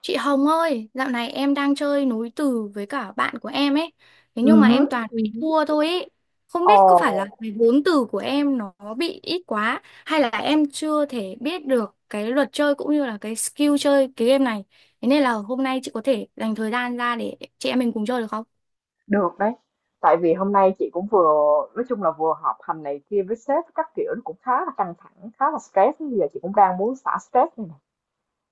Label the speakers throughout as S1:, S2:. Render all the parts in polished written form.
S1: Chị Hồng ơi, dạo này em đang chơi nối từ với cả bạn của em ấy. Thế
S2: Ừ,
S1: nhưng mà
S2: hứm.
S1: em toàn bị
S2: Hứm.
S1: thua thôi ấy. Không
S2: Ồ,
S1: biết có phải là cái vốn từ của em nó bị ít quá hay là em chưa thể biết được cái luật chơi cũng như là cái skill chơi cái game này. Thế nên là hôm nay chị có thể dành thời gian ra để chị em mình cùng chơi được không?
S2: được đấy. Tại vì hôm nay chị cũng vừa nói chung là vừa họp hành này kia với sếp các kiểu nó cũng khá là căng thẳng, khá là stress, bây giờ chị cũng đang muốn xả stress này nè.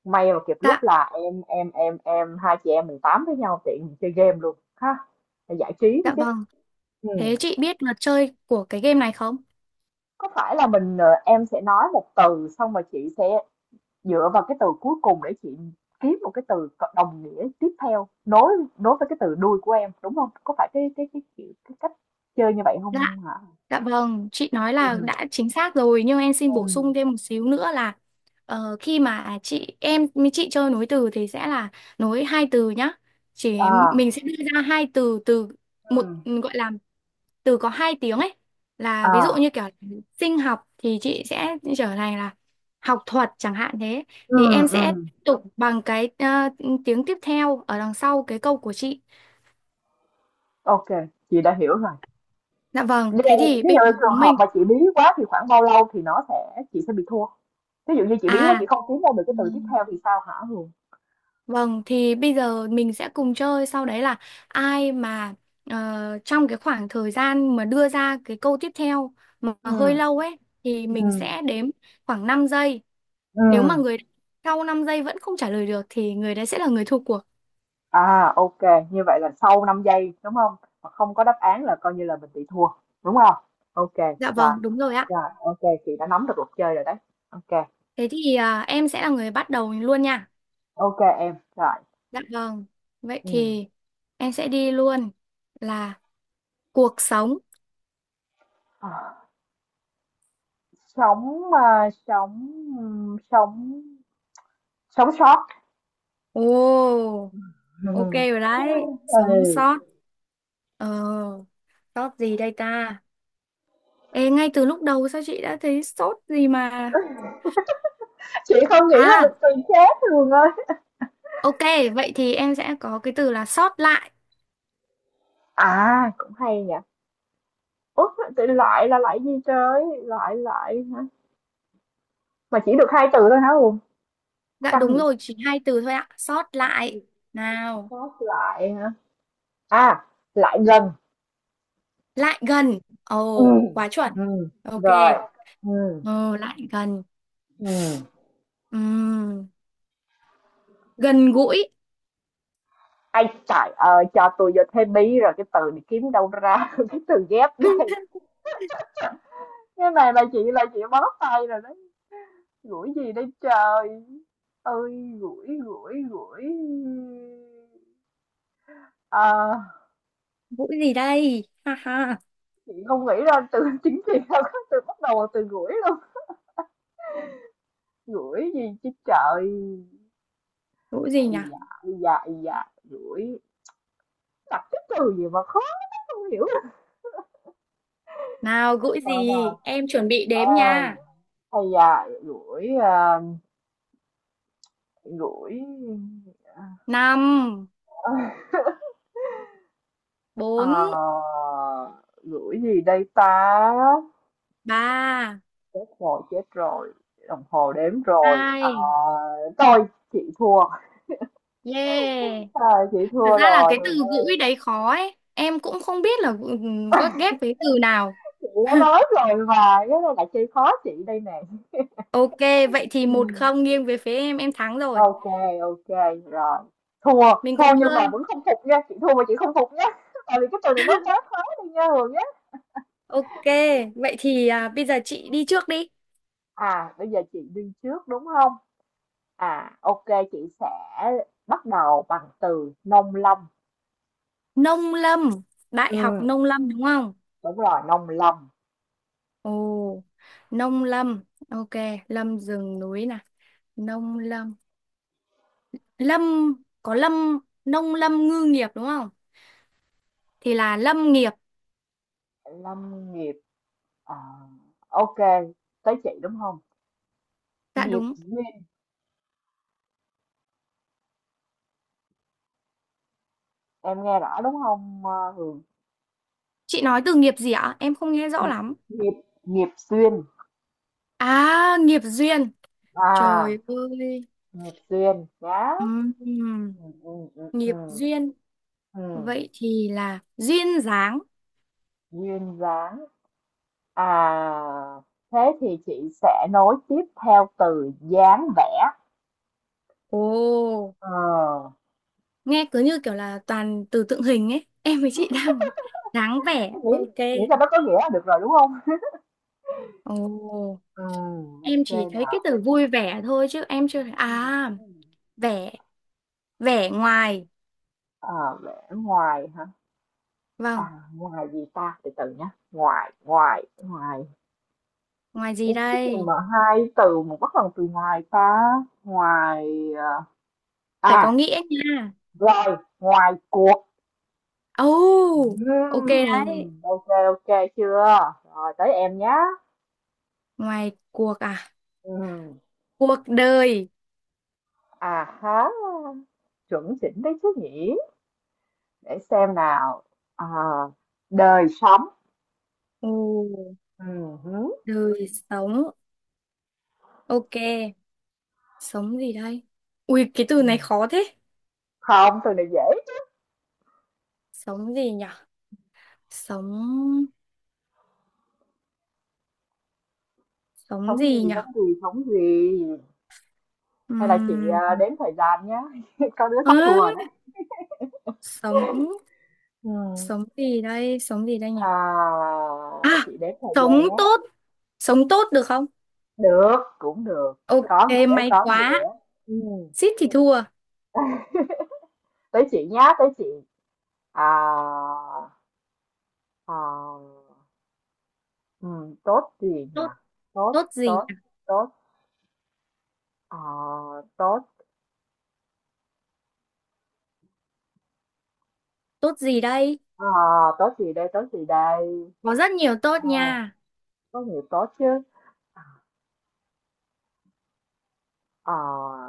S2: May mà kịp
S1: Dạ,
S2: lúc là em hai chị em mình tám với nhau tiện mình chơi game luôn ha, để giải trí nữa
S1: dạ
S2: chứ.
S1: vâng.
S2: Ừ.
S1: Thế chị biết luật chơi của cái game này không?
S2: Có phải là mình, em sẽ nói một từ xong rồi chị sẽ dựa vào cái từ cuối cùng để chị kiếm một cái từ đồng nghĩa tiếp theo, nối nối với cái từ đuôi của em, đúng không? Có phải cái, kiểu, cái cách chơi như vậy
S1: Dạ.
S2: không hả?
S1: Dạ vâng, chị nói là
S2: Ừm,
S1: đã chính xác rồi nhưng em xin bổ
S2: ừm.
S1: sung thêm một xíu nữa là khi mà chị em với chị chơi nối từ thì sẽ là nối hai từ nhá. Chỉ
S2: À.
S1: mình sẽ đưa ra hai từ, từ một
S2: Ừm.
S1: gọi là từ có hai tiếng ấy, là ví dụ
S2: À.
S1: như kiểu sinh học thì chị sẽ trở thành là học thuật chẳng hạn, thế thì em sẽ
S2: Ừm.
S1: tiếp tục bằng cái tiếng tiếp theo ở đằng sau cái câu của chị.
S2: Ô, chị đã hiểu rồi.
S1: Dạ vâng,
S2: Như
S1: thế
S2: vậy
S1: thì
S2: ví
S1: bây
S2: dụ
S1: giờ chúng
S2: trường hợp
S1: mình
S2: mà chị bí quá thì khoảng bao lâu thì nó sẽ chị sẽ bị thua? Ví dụ như chị bí quá
S1: à.
S2: chị không kiếm ra được cái từ tiếp theo thì sao hả Hường?
S1: Vâng, thì bây giờ mình sẽ cùng chơi, sau đấy là ai mà ờ, trong cái khoảng thời gian mà đưa ra cái câu tiếp theo mà hơi
S2: Ừm,
S1: lâu ấy thì mình
S2: ừm,
S1: sẽ đếm khoảng 5 giây. Nếu mà
S2: ừm.
S1: người sau 5 giây vẫn không trả lời được thì người đấy sẽ là người thua cuộc.
S2: À, ok, như vậy là sau 5 giây đúng không? Mà không có đáp án là coi như là mình bị thua, đúng không? Ok,
S1: Dạ
S2: rồi,
S1: vâng, đúng rồi ạ.
S2: rồi, ok, chị đã nắm được luật chơi rồi đấy. Ok,
S1: Thế thì em sẽ là người bắt đầu luôn nha.
S2: ok em, rồi.
S1: Dạ vâng. Vậy
S2: Ừ.
S1: thì em sẽ đi luôn là cuộc sống.
S2: À, à, sống ừm, sống sống sót.
S1: Ồ, ok rồi đấy. Sống
S2: Ừ.
S1: sót. Ờ. Sốt gì đây ta? Ê, ngay từ lúc đầu sao chị đã thấy sốt gì mà.
S2: Chị không nghĩ là
S1: À,
S2: được từ khác thường ơi.
S1: ok, vậy thì em sẽ có cái từ là sót lại.
S2: À, cũng hay nhỉ. Ủa, tự loại là lại gì trời? Loại lại hả? Mà chỉ được hai từ thôi hả Hùng?
S1: Dạ
S2: Căng
S1: đúng
S2: vậy.
S1: rồi, chỉ hai từ thôi ạ. Sót lại nào.
S2: Sót lại hả? À, lại gần.
S1: Lại gần,
S2: Ừ,
S1: ồ quá chuẩn.
S2: ừm,
S1: Ok.
S2: rồi, ừ,
S1: Ồ, lại gần.
S2: ừm.
S1: Ừm, gần gũi.
S2: Ây trời ơi, cho tôi vô thế bí rồi cái từ này kiếm đâu ra cái từ ghép đây. Cái này là chị bó tay rồi đấy. Gũi gì đây trời. Ơi, gũi, gũi, gũi. Ờ,
S1: Gũi gì đây, ha ha.
S2: chị không nghĩ ra từ chính trị đâu có từ bắt đầu bằng từ gũi luôn. Gũi gì chứ trời.
S1: Gũi gì nhỉ?
S2: Ây da, ây da, ây da, gũi. Đặt cái từ gì mà khó không hiểu.
S1: Nào, gũi gì,
S2: Coi nào.
S1: em chuẩn bị
S2: À,
S1: đếm
S2: à
S1: nha.
S2: hay da, gửi, a, gửi
S1: Năm,
S2: ờ,
S1: bốn,
S2: gửi gì đây ta?
S1: ba,
S2: Chết rồi, đồng hồ đếm rồi. Ờ,
S1: hai.
S2: thôi chị thua.
S1: Yeah.
S2: Ờ, chị
S1: Thật
S2: thua
S1: ra là
S2: rồi,
S1: cái từ
S2: Hường
S1: gũi
S2: ơi.
S1: đấy khó ấy. Em cũng không biết là ừ, có ghép với từ nào.
S2: Chị đã nói rồi mà, cái này là chơi khó chị đây nè.
S1: Ok, vậy thì
S2: Ừ.
S1: 1-0 nghiêng về phía em thắng rồi.
S2: Ok, ok, rồi. Thua,
S1: Mình cũng
S2: thua nhưng mà
S1: chơi.
S2: vẫn không phục nha, chị thua mà chị không phục nha. Tại vì cái từ này nó quá khó đi nha Hường nhé.
S1: Ok, vậy thì bây giờ chị đi trước đi.
S2: À, bây giờ chị đi trước đúng không? À, ok, chị sẽ bắt đầu bằng từ nông lâm.
S1: Nông lâm,
S2: Ừ,
S1: Đại học Nông lâm đúng không?
S2: đúng rồi, nông lâm,
S1: Ồ, Nông lâm. Ok, lâm rừng núi nè. Nông lâm. Lâm, có lâm, nông lâm ngư nghiệp đúng không? Thì là lâm nghiệp.
S2: lâm nghiệp. À, ok, tới chị đúng không?
S1: Dạ
S2: Nghiệp
S1: đúng.
S2: duyên, em nghe rõ đúng không Hường?
S1: Chị nói từ nghiệp gì ạ? Em không nghe rõ
S2: Nghiệp,
S1: lắm.
S2: nghiệp, nghiệp duyên.
S1: À, nghiệp duyên.
S2: À,
S1: Trời ơi,
S2: nghiệp duyên, nhá.
S1: ừm,
S2: Ừ, ừ, ừ,
S1: nghiệp
S2: ừ,
S1: duyên.
S2: ừ.
S1: Vậy thì là duyên dáng.
S2: Duyên dáng. À, thế thì chị sẽ nối tiếp theo từ dáng vẻ.
S1: Ồ,
S2: Ờ,
S1: nghe cứ như kiểu là toàn từ tượng hình ấy. Em với chị đang nói dáng vẻ.
S2: miễn
S1: Ok.
S2: miễn sao nó có nghĩa là được rồi đúng không?
S1: Ồ,
S2: Ừ,
S1: em
S2: ok
S1: chỉ thấy cái
S2: nào.
S1: từ vui vẻ thôi chứ em chưa thấy. À, vẻ, vẻ ngoài.
S2: À, vẽ ngoài hả?
S1: Vâng,
S2: À, ngoài gì ta? Từ từ nhé. Ngoài, ngoài, ngoài.
S1: ngoài gì
S2: Ủa, cái gì
S1: đây?
S2: mà hai từ mà bắt bằng từ ngoài ta? Ngoài... ờ,
S1: Phải có
S2: à,
S1: nghĩa nha.
S2: rồi, ngoài cuộc.
S1: Ồ, ok đấy.
S2: Ok, ok chưa? Rồi, tới em nhé.
S1: Ngoài cuộc à?
S2: Ừm,
S1: Cuộc đời.
S2: À há, chuẩn chỉnh đấy chứ nhỉ? Để xem nào. À, đời sống.
S1: Ồ,
S2: Hứ.
S1: đời sống. Ok. Sống gì đây? Ui, cái từ
S2: Ừ.
S1: này khó thế.
S2: Không, từ này dễ.
S1: Sống gì nhở? Sống... sống
S2: Thống
S1: gì
S2: gì,
S1: nhở?
S2: thống gì, thống gì? Hay là chị
S1: Ừm...
S2: à, đếm thời gian nhé. Có đứa
S1: ớ,
S2: sắp thua rồi đấy.
S1: sống...
S2: Ừ.
S1: Sống gì đây? Sống gì đây nhở?
S2: À,
S1: À,
S2: chị đếm thời
S1: sống
S2: gian nhé.
S1: tốt. Sống tốt được không?
S2: Được, cũng được.
S1: Ok,
S2: Có nghĩa,
S1: may
S2: có
S1: quá.
S2: nghĩa. Ừ.
S1: Xít thì thua.
S2: Tới chị nhá, tới chị. À, à, ừ, tốt gì nhỉ?
S1: Tốt,
S2: Tốt,
S1: tốt gì
S2: tốt,
S1: nhở?
S2: tốt. À, tốt.
S1: Tốt gì đây?
S2: À, tốt gì đây, tốt gì đây?
S1: Có rất nhiều tốt
S2: À,
S1: nha.
S2: có nhiều tốt chứ.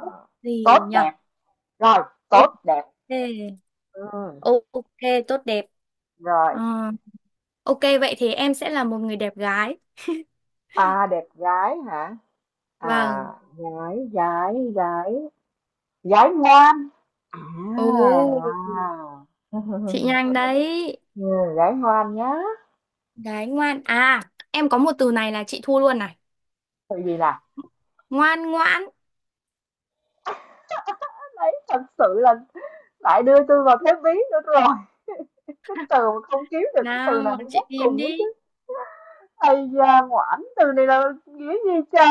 S1: Tốt
S2: tốt
S1: gì nhở?
S2: đẹp. Rồi, tốt
S1: Ok.
S2: đẹp. Ừ,
S1: Ok, tốt đẹp.
S2: rồi,
S1: Ờ, ok, vậy thì em sẽ là một người đẹp gái.
S2: à, đẹp gái hả? À,
S1: Vâng.
S2: gái, gái, gái, gái ngoan. À,
S1: Ồ.
S2: à.
S1: Chị nhanh đấy.
S2: Ừ, gái ngoan nhá.
S1: Đấy, ngoan. À, em có một từ này là chị thua luôn này.
S2: Tại vì là
S1: Ngoan ngoãn.
S2: đấy thật sự là lại đưa tôi vào thế bí nữa rồi. Cái từ mà không kiếm được cái từ nào
S1: Nào,
S2: nó
S1: chị
S2: ghép
S1: tìm
S2: cùng với chứ.
S1: đi.
S2: Ây da, ngoãn từ này là nghĩa gì trời?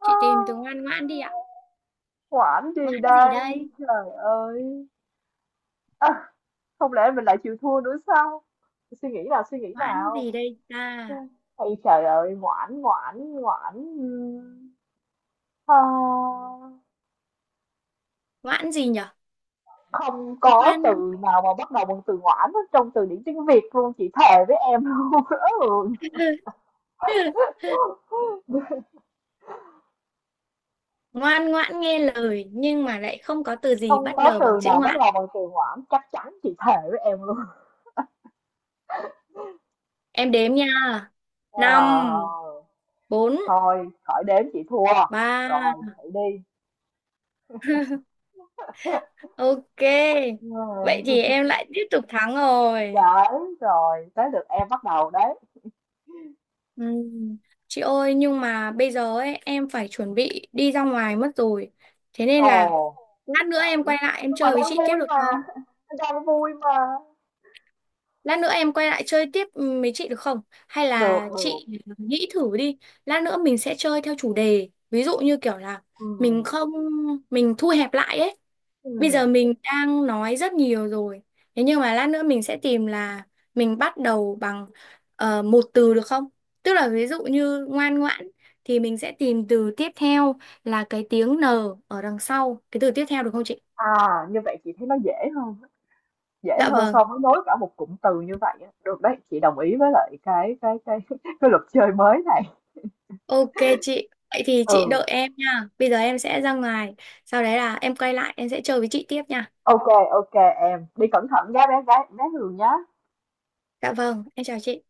S2: À,
S1: Chị tìm từ ngoan ngoãn đi ạ.
S2: ngoãn gì
S1: Ngoãn gì
S2: đây?
S1: đây?
S2: Trời ơi. Ơ, không lẽ mình lại chịu thua nữa sao? Suy nghĩ nào, suy nghĩ
S1: Ngoãn gì
S2: nào.
S1: đây ta?
S2: Ây trời ơi, ngoãn, ngoãn, ngoãn. Ờ,
S1: Ngoãn gì nhở?
S2: không có
S1: Ngoan
S2: từ nào mà bắt đầu bằng từ ngoãn hết trong từ điển tiếng Việt luôn, chị thề với em luôn. Ừ.
S1: ngoan ngoãn nghe lời nhưng mà lại không có từ gì
S2: Không
S1: bắt
S2: có
S1: đầu bằng
S2: từ
S1: chữ
S2: nào bắt
S1: ngoãn.
S2: đầu bằng từ ngoãn, chắc chắn chị thề với em luôn.
S1: Em đếm nha. Năm,
S2: Ờ,
S1: bốn,
S2: thôi, khỏi đếm chị thua.
S1: ba.
S2: Rồi, hãy đi.
S1: Ok. Vậy
S2: Ừ.
S1: thì em lại tiếp tục thắng rồi.
S2: Đấy, rồi, tới lượt em bắt đầu đấy.
S1: Ừ. Chị ơi, nhưng mà bây giờ ấy em phải chuẩn bị đi ra ngoài mất rồi. Thế nên
S2: Ồ,
S1: là
S2: đúng
S1: lát nữa
S2: vậy,
S1: em quay lại em
S2: nhưng mà
S1: chơi với
S2: đang
S1: chị tiếp
S2: vui
S1: được
S2: mà,
S1: không?
S2: đang vui mà.
S1: Lát nữa em quay lại chơi tiếp, ừ, với chị được không? Hay
S2: Được,
S1: là
S2: được,
S1: chị nghĩ thử đi. Lát nữa mình sẽ chơi theo chủ đề. Ví dụ như kiểu là
S2: ừ,
S1: mình không mình thu hẹp lại ấy. Bây
S2: ừ.
S1: giờ mình đang nói rất nhiều rồi. Thế nhưng mà lát nữa mình sẽ tìm là mình bắt đầu bằng một từ được không? Tức là ví dụ như ngoan ngoãn thì mình sẽ tìm từ tiếp theo là cái tiếng N ở đằng sau. Cái từ tiếp theo được không chị?
S2: À, như vậy chị thấy nó dễ hơn, dễ
S1: Dạ
S2: hơn
S1: vâng.
S2: so với nối cả một cụm từ như vậy á. Được đấy, chị đồng ý với lại cái cái luật chơi mới này.
S1: Ok chị. Vậy thì chị đợi
S2: Ừ,
S1: em nha. Bây giờ em sẽ ra ngoài. Sau đấy là em quay lại em sẽ chơi với chị tiếp nha.
S2: ok ok em, đi cẩn thận nhé bé gái bé Hường nhé.
S1: Dạ vâng. Em chào chị.